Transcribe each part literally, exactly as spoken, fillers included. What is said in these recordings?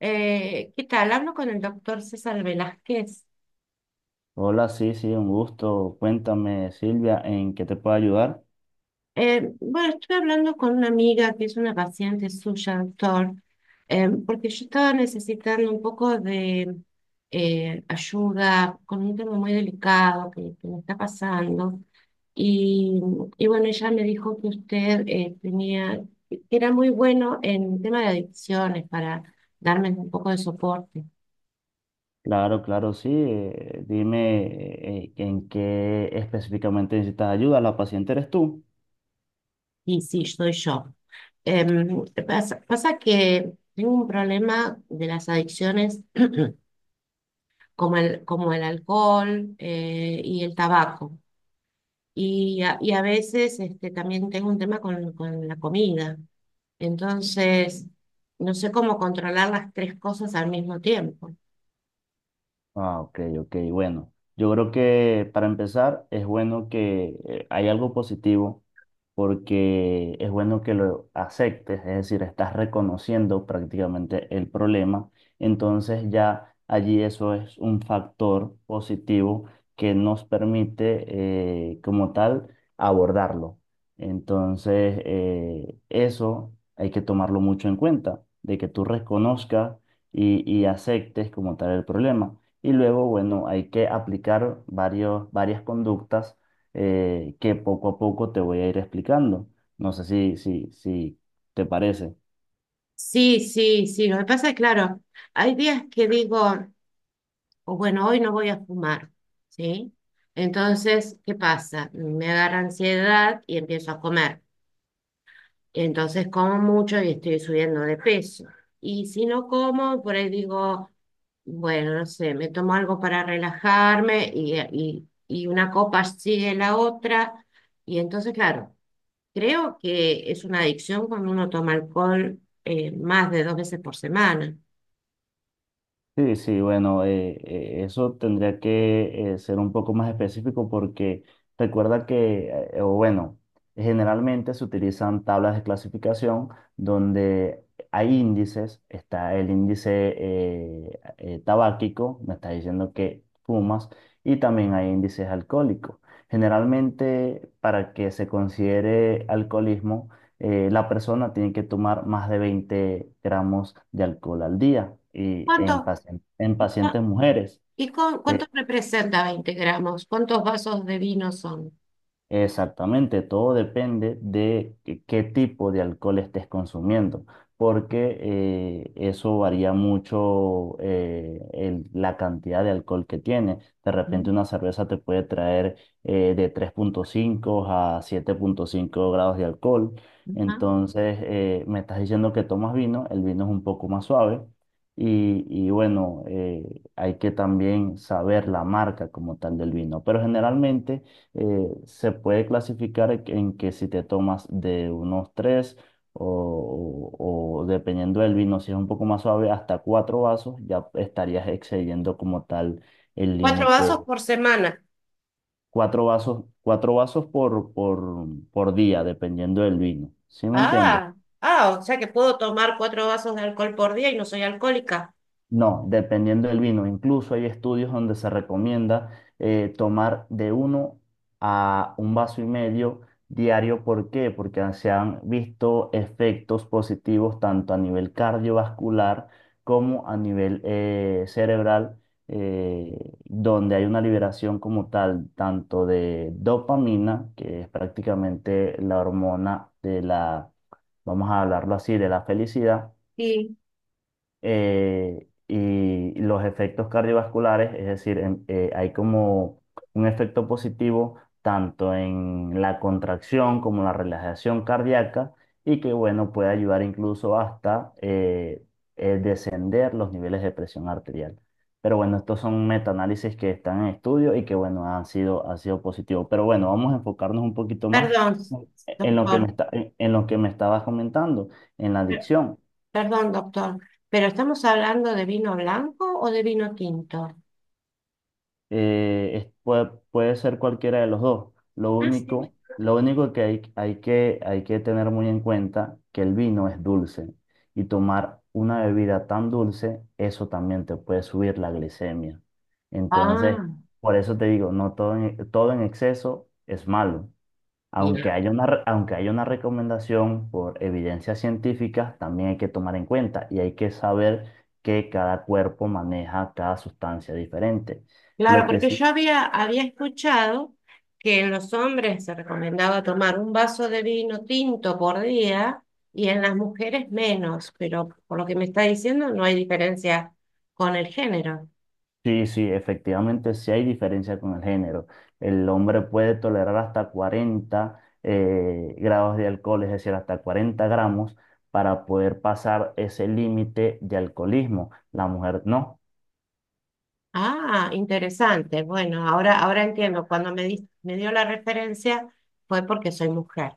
Eh, ¿qué tal? Hablo con el doctor César Velázquez. Hola, sí, sí, un gusto. Cuéntame, Silvia, ¿en qué te puedo ayudar? Eh, bueno, estuve hablando con una amiga que es una paciente suya, doctor, eh, porque yo estaba necesitando un poco de eh, ayuda con un tema muy delicado que, que me está pasando. Y, y bueno, ella me dijo que usted eh, tenía, que era muy bueno en tema de adicciones para darme un poco de soporte. Claro, claro, sí. Eh, dime eh, en qué específicamente necesitas ayuda. La paciente eres tú. Y sí, soy yo. Em, pasa, pasa que tengo un problema de las adicciones como el, como el alcohol eh, y el tabaco. Y a, y a veces este, también tengo un tema con, con la comida. Entonces, no sé cómo controlar las tres cosas al mismo tiempo. Ah, ok, ok, bueno. Yo creo que para empezar es bueno que eh, hay algo positivo porque es bueno que lo aceptes, es decir, estás reconociendo prácticamente el problema, entonces ya allí eso es un factor positivo que nos permite eh, como tal abordarlo. Entonces, eh, eso hay que tomarlo mucho en cuenta, de que tú reconozcas y, y aceptes como tal el problema. Y luego, bueno, hay que aplicar varios, varias conductas eh, que poco a poco te voy a ir explicando. No sé si, si, si te parece. Sí, sí, sí. Lo que pasa es, claro, hay días que digo, o bueno, hoy no voy a fumar, ¿sí? Entonces, ¿qué pasa? Me agarra ansiedad y empiezo a comer. Entonces como mucho y estoy subiendo de peso. Y si no como, por ahí digo, bueno, no sé, me tomo algo para relajarme y, y, y una copa sigue la otra. Y entonces, claro, creo que es una adicción cuando uno toma alcohol eh, más de dos veces por semana. Sí, sí, bueno, eh, eh, eso tendría que eh, ser un poco más específico porque recuerda que, eh, o bueno, generalmente se utilizan tablas de clasificación donde hay índices, está el índice eh, eh, tabáquico, me está diciendo que fumas, y también hay índices alcohólicos. Generalmente, para que se considere alcoholismo, eh, la persona tiene que tomar más de veinte gramos de alcohol al día y ¿Cuánto? en, pacien- en pacientes mujeres. ¿Y cu- cuánto eh, representa veinte gramos? ¿Cuántos vasos de vino son? Exactamente, todo depende de qué qué tipo de alcohol estés consumiendo, porque eh, eso varía mucho eh, el- la cantidad de alcohol que tiene. De Ujú, repente una cerveza te puede traer eh, de tres punto cinco a siete punto cinco grados de alcohol. ujú. Entonces, eh, me estás diciendo que tomas vino, el vino es un poco más suave. Y, y bueno, eh, hay que también saber la marca como tal del vino, pero generalmente eh, se puede clasificar en que si te tomas de unos tres o, o- o dependiendo del vino, si es un poco más suave, hasta cuatro vasos, ya estarías excediendo como tal el Cuatro límite. vasos por semana. Cuatro vasos, cuatro vasos por, por, por día, dependiendo del vino. ¿Sí me entiendes? Ah, ah, o sea que puedo tomar cuatro vasos de alcohol por día y no soy alcohólica. No, dependiendo del vino. Incluso hay estudios donde se recomienda eh, tomar de uno a un vaso y medio diario. ¿Por qué? Porque se han visto efectos positivos tanto a nivel cardiovascular como a nivel eh, cerebral, eh, donde hay una liberación como tal, tanto de dopamina, que es prácticamente la hormona de la, vamos a hablarlo así, de la felicidad Sí. eh, y los efectos cardiovasculares, es decir, en- eh, hay como un efecto positivo tanto en la contracción como en la relajación cardíaca y que, bueno, puede ayudar incluso hasta eh, eh, descender los niveles de presión arterial. Pero bueno, estos son metaanálisis que están en estudio y que, bueno, han sido, han sido positivos. Pero bueno, vamos a enfocarnos un poquito más Perdón, en lo que me doctor. está, en en lo que me estabas comentando, en la Per- adicción. Perdón, doctor. ¿Pero estamos hablando de vino blanco o de vino tinto? eh, es- puede, puede ser cualquiera de los dos. Lo Ah, sí. único, lo único que hay, hay que hay que tener muy en cuenta que el vino es dulce y tomar una bebida tan dulce, eso también te puede subir la glicemia. Entonces, Ah, por eso te digo, no todo en, todo en exceso es malo. Aunque bien. haya una, re- aunque haya una recomendación por evidencia científica, también hay que tomar en cuenta y hay que saber que cada cuerpo maneja cada sustancia diferente. Claro, Lo que porque sí, yo había, había escuchado que en los hombres se recomendaba tomar un vaso de vino tinto por día y en las mujeres menos, pero por lo que me está diciendo no hay diferencia con el género. sí, sí, efectivamente sí hay diferencia con el género. El hombre puede tolerar hasta cuarenta eh, grados de alcohol, es decir, hasta cuarenta gramos, para poder pasar ese límite de alcoholismo. La mujer no, Ah, interesante. Bueno, ahora, ahora entiendo. Cuando me di- me dio la referencia fue porque soy mujer.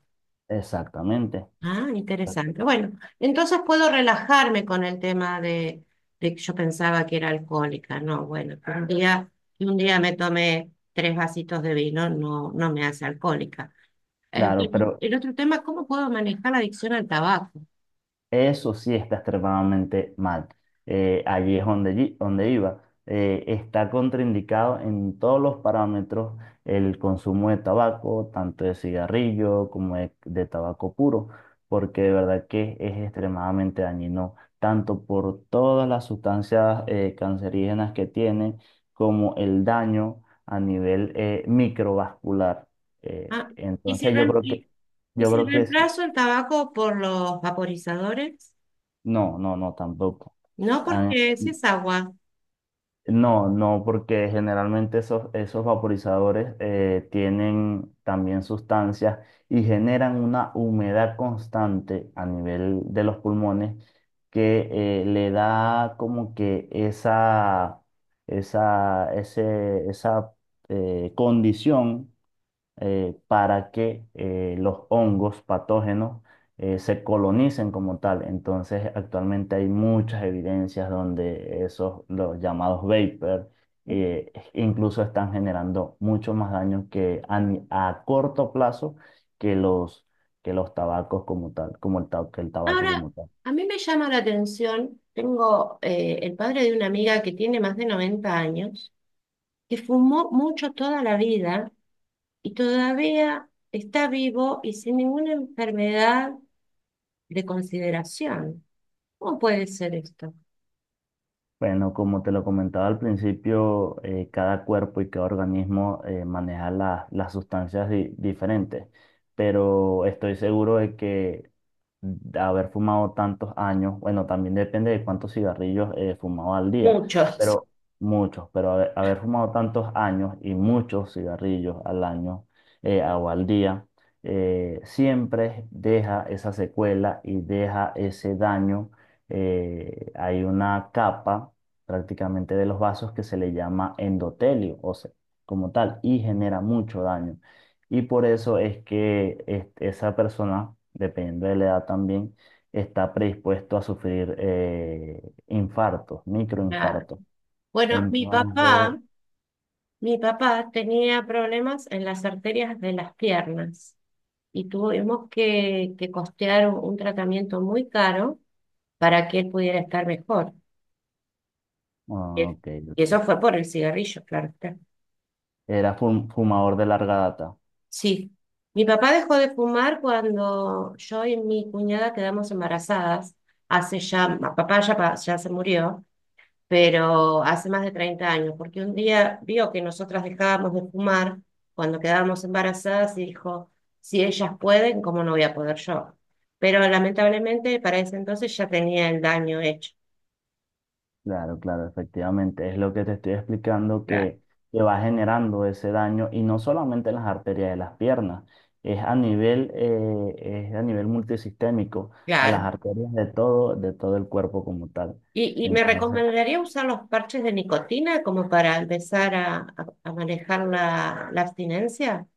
exactamente. Ah, interesante. Bueno, entonces puedo relajarme con el tema de, de que yo pensaba que era alcohólica. No, bueno, que un día, que un día me tomé tres vasitos de vino, no, no me hace alcohólica. Eh, Claro, Bueno, pero el otro tema: ¿cómo puedo manejar la adicción al tabaco? eso sí está extremadamente mal. Eh, allí es donde, yi- donde iba. Eh, está contraindicado en todos los parámetros el consumo de tabaco, tanto de cigarrillo como de, de tabaco puro, porque de verdad que es extremadamente dañino, tanto por todas las sustancias eh, cancerígenas que tiene, como el daño a nivel eh, microvascular. Eh, Ah, ¿y si, entonces yo rem- creo que, y, y yo si creo que sí. reemplazo el tabaco por los vaporizadores? No, no, no, tampoco. No, Ah, porque si es agua. no, no, porque generalmente esos, esos vaporizadores eh, tienen también sustancias y generan una humedad constante a nivel de los pulmones que eh, le da como que esa, esa, ese- esa eh, condición eh, para que eh, los hongos patógenos eh, se colonicen como tal. Entonces, actualmente hay muchas evidencias donde esos, los llamados vapor, eh, incluso están generando mucho más daño que a, ni- a corto plazo que los, que los tabacos como tal, como el, ta- que el tabaco Ahora, como tal. a mí me llama la atención, tengo eh, el padre de una amiga que tiene más de noventa años, que fumó mucho toda la vida y todavía está vivo y sin ninguna enfermedad de consideración. ¿Cómo puede ser esto? Bueno, como te lo comentaba al principio, eh, cada cuerpo y cada organismo eh, maneja la- las sustancias di- diferentes, pero estoy seguro de que de haber fumado tantos años, bueno, también depende de cuántos cigarrillos eh, fumaba al día, Muchos. pero muchos, pero haber, haber fumado tantos años y muchos cigarrillos al año eh, o al día, eh, siempre deja esa secuela y deja ese daño. Eh, hay una capa prácticamente de los vasos que se le llama endotelio, o sea, como tal, y genera mucho daño. Y por eso es que es- esa persona, dependiendo de la edad también, está predispuesto a sufrir eh, infartos, Ah. microinfartos. Bueno, mi Entonces, papá Mi papá tenía problemas en las arterias de las piernas y tuvimos que, que costear un, un tratamiento muy caro para que él pudiera estar mejor. Y ah, ok, y ok. eso fue por el cigarrillo, claro está. Era fum- fumador de larga data. Sí. Mi papá dejó de fumar cuando yo y mi cuñada quedamos embarazadas. Hace ya, mi papá ya, pa- ya se murió, pero hace más de treinta años, porque un día vio que nosotras dejábamos de fumar cuando quedábamos embarazadas y dijo, si ellas pueden, ¿cómo no voy a poder yo? Pero lamentablemente para ese entonces ya tenía el daño hecho. Claro, claro, efectivamente. Es lo que te estoy explicando Claro. que, que va generando ese daño y no solamente en las arterias de las piernas, es a nivel, eh, es a nivel multisistémico, a las Claro. arterias de todo, de todo el cuerpo como tal. ¿Y, y me Entonces, recomendaría usar los parches de nicotina como para empezar a, a- a manejar la, la abstinencia?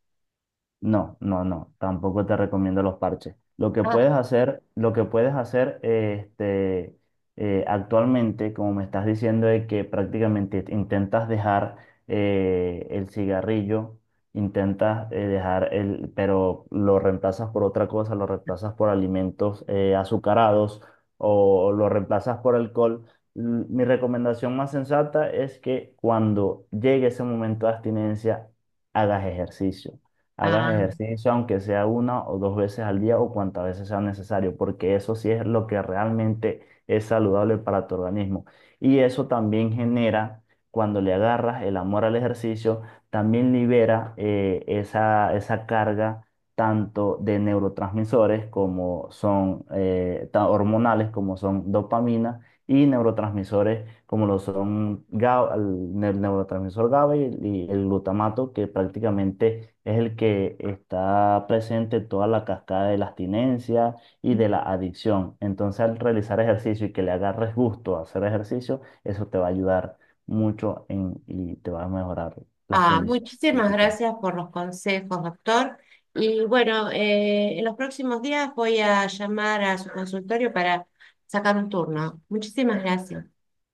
no, no, no, tampoco te recomiendo los parches. Lo que puedes Ah. hacer, lo que puedes hacer, este, eh, actualmente, como me estás diciendo, es que prácticamente intentas dejar eh, el cigarrillo, intentas eh, dejar el, pero lo reemplazas por otra cosa, lo reemplazas por alimentos eh, azucarados o lo reemplazas por alcohol. L- Mi recomendación más sensata es que cuando llegue ese momento de abstinencia, hagas ejercicio hagas Ah. ejercicio, aunque sea una o dos veces al día o cuantas veces sea necesario, porque eso sí es lo que realmente es saludable para tu organismo. Y eso también genera, cuando le agarras el amor al ejercicio, también libera eh, esa, esa carga tanto de neurotransmisores como son eh, ta- hormonales, como son dopamina y neurotransmisores como lo son GA- el ne- neurotransmisor GABA y, y el glutamato, que prácticamente es el que está presente en toda la cascada de la abstinencia y de la adicción. Entonces, al realizar ejercicio y que le agarres gusto a hacer ejercicio, eso te va a ayudar mucho en, y te va a mejorar las Ah, condiciones muchísimas físicas. gracias por los consejos, doctor. Y bueno, eh, en los próximos días voy a llamar a su consultorio para sacar un turno. Muchísimas gracias.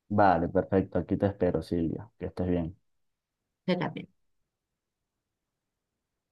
Vale, perfecto. Aquí te espero, Silvia. Que estés bien. Usted también.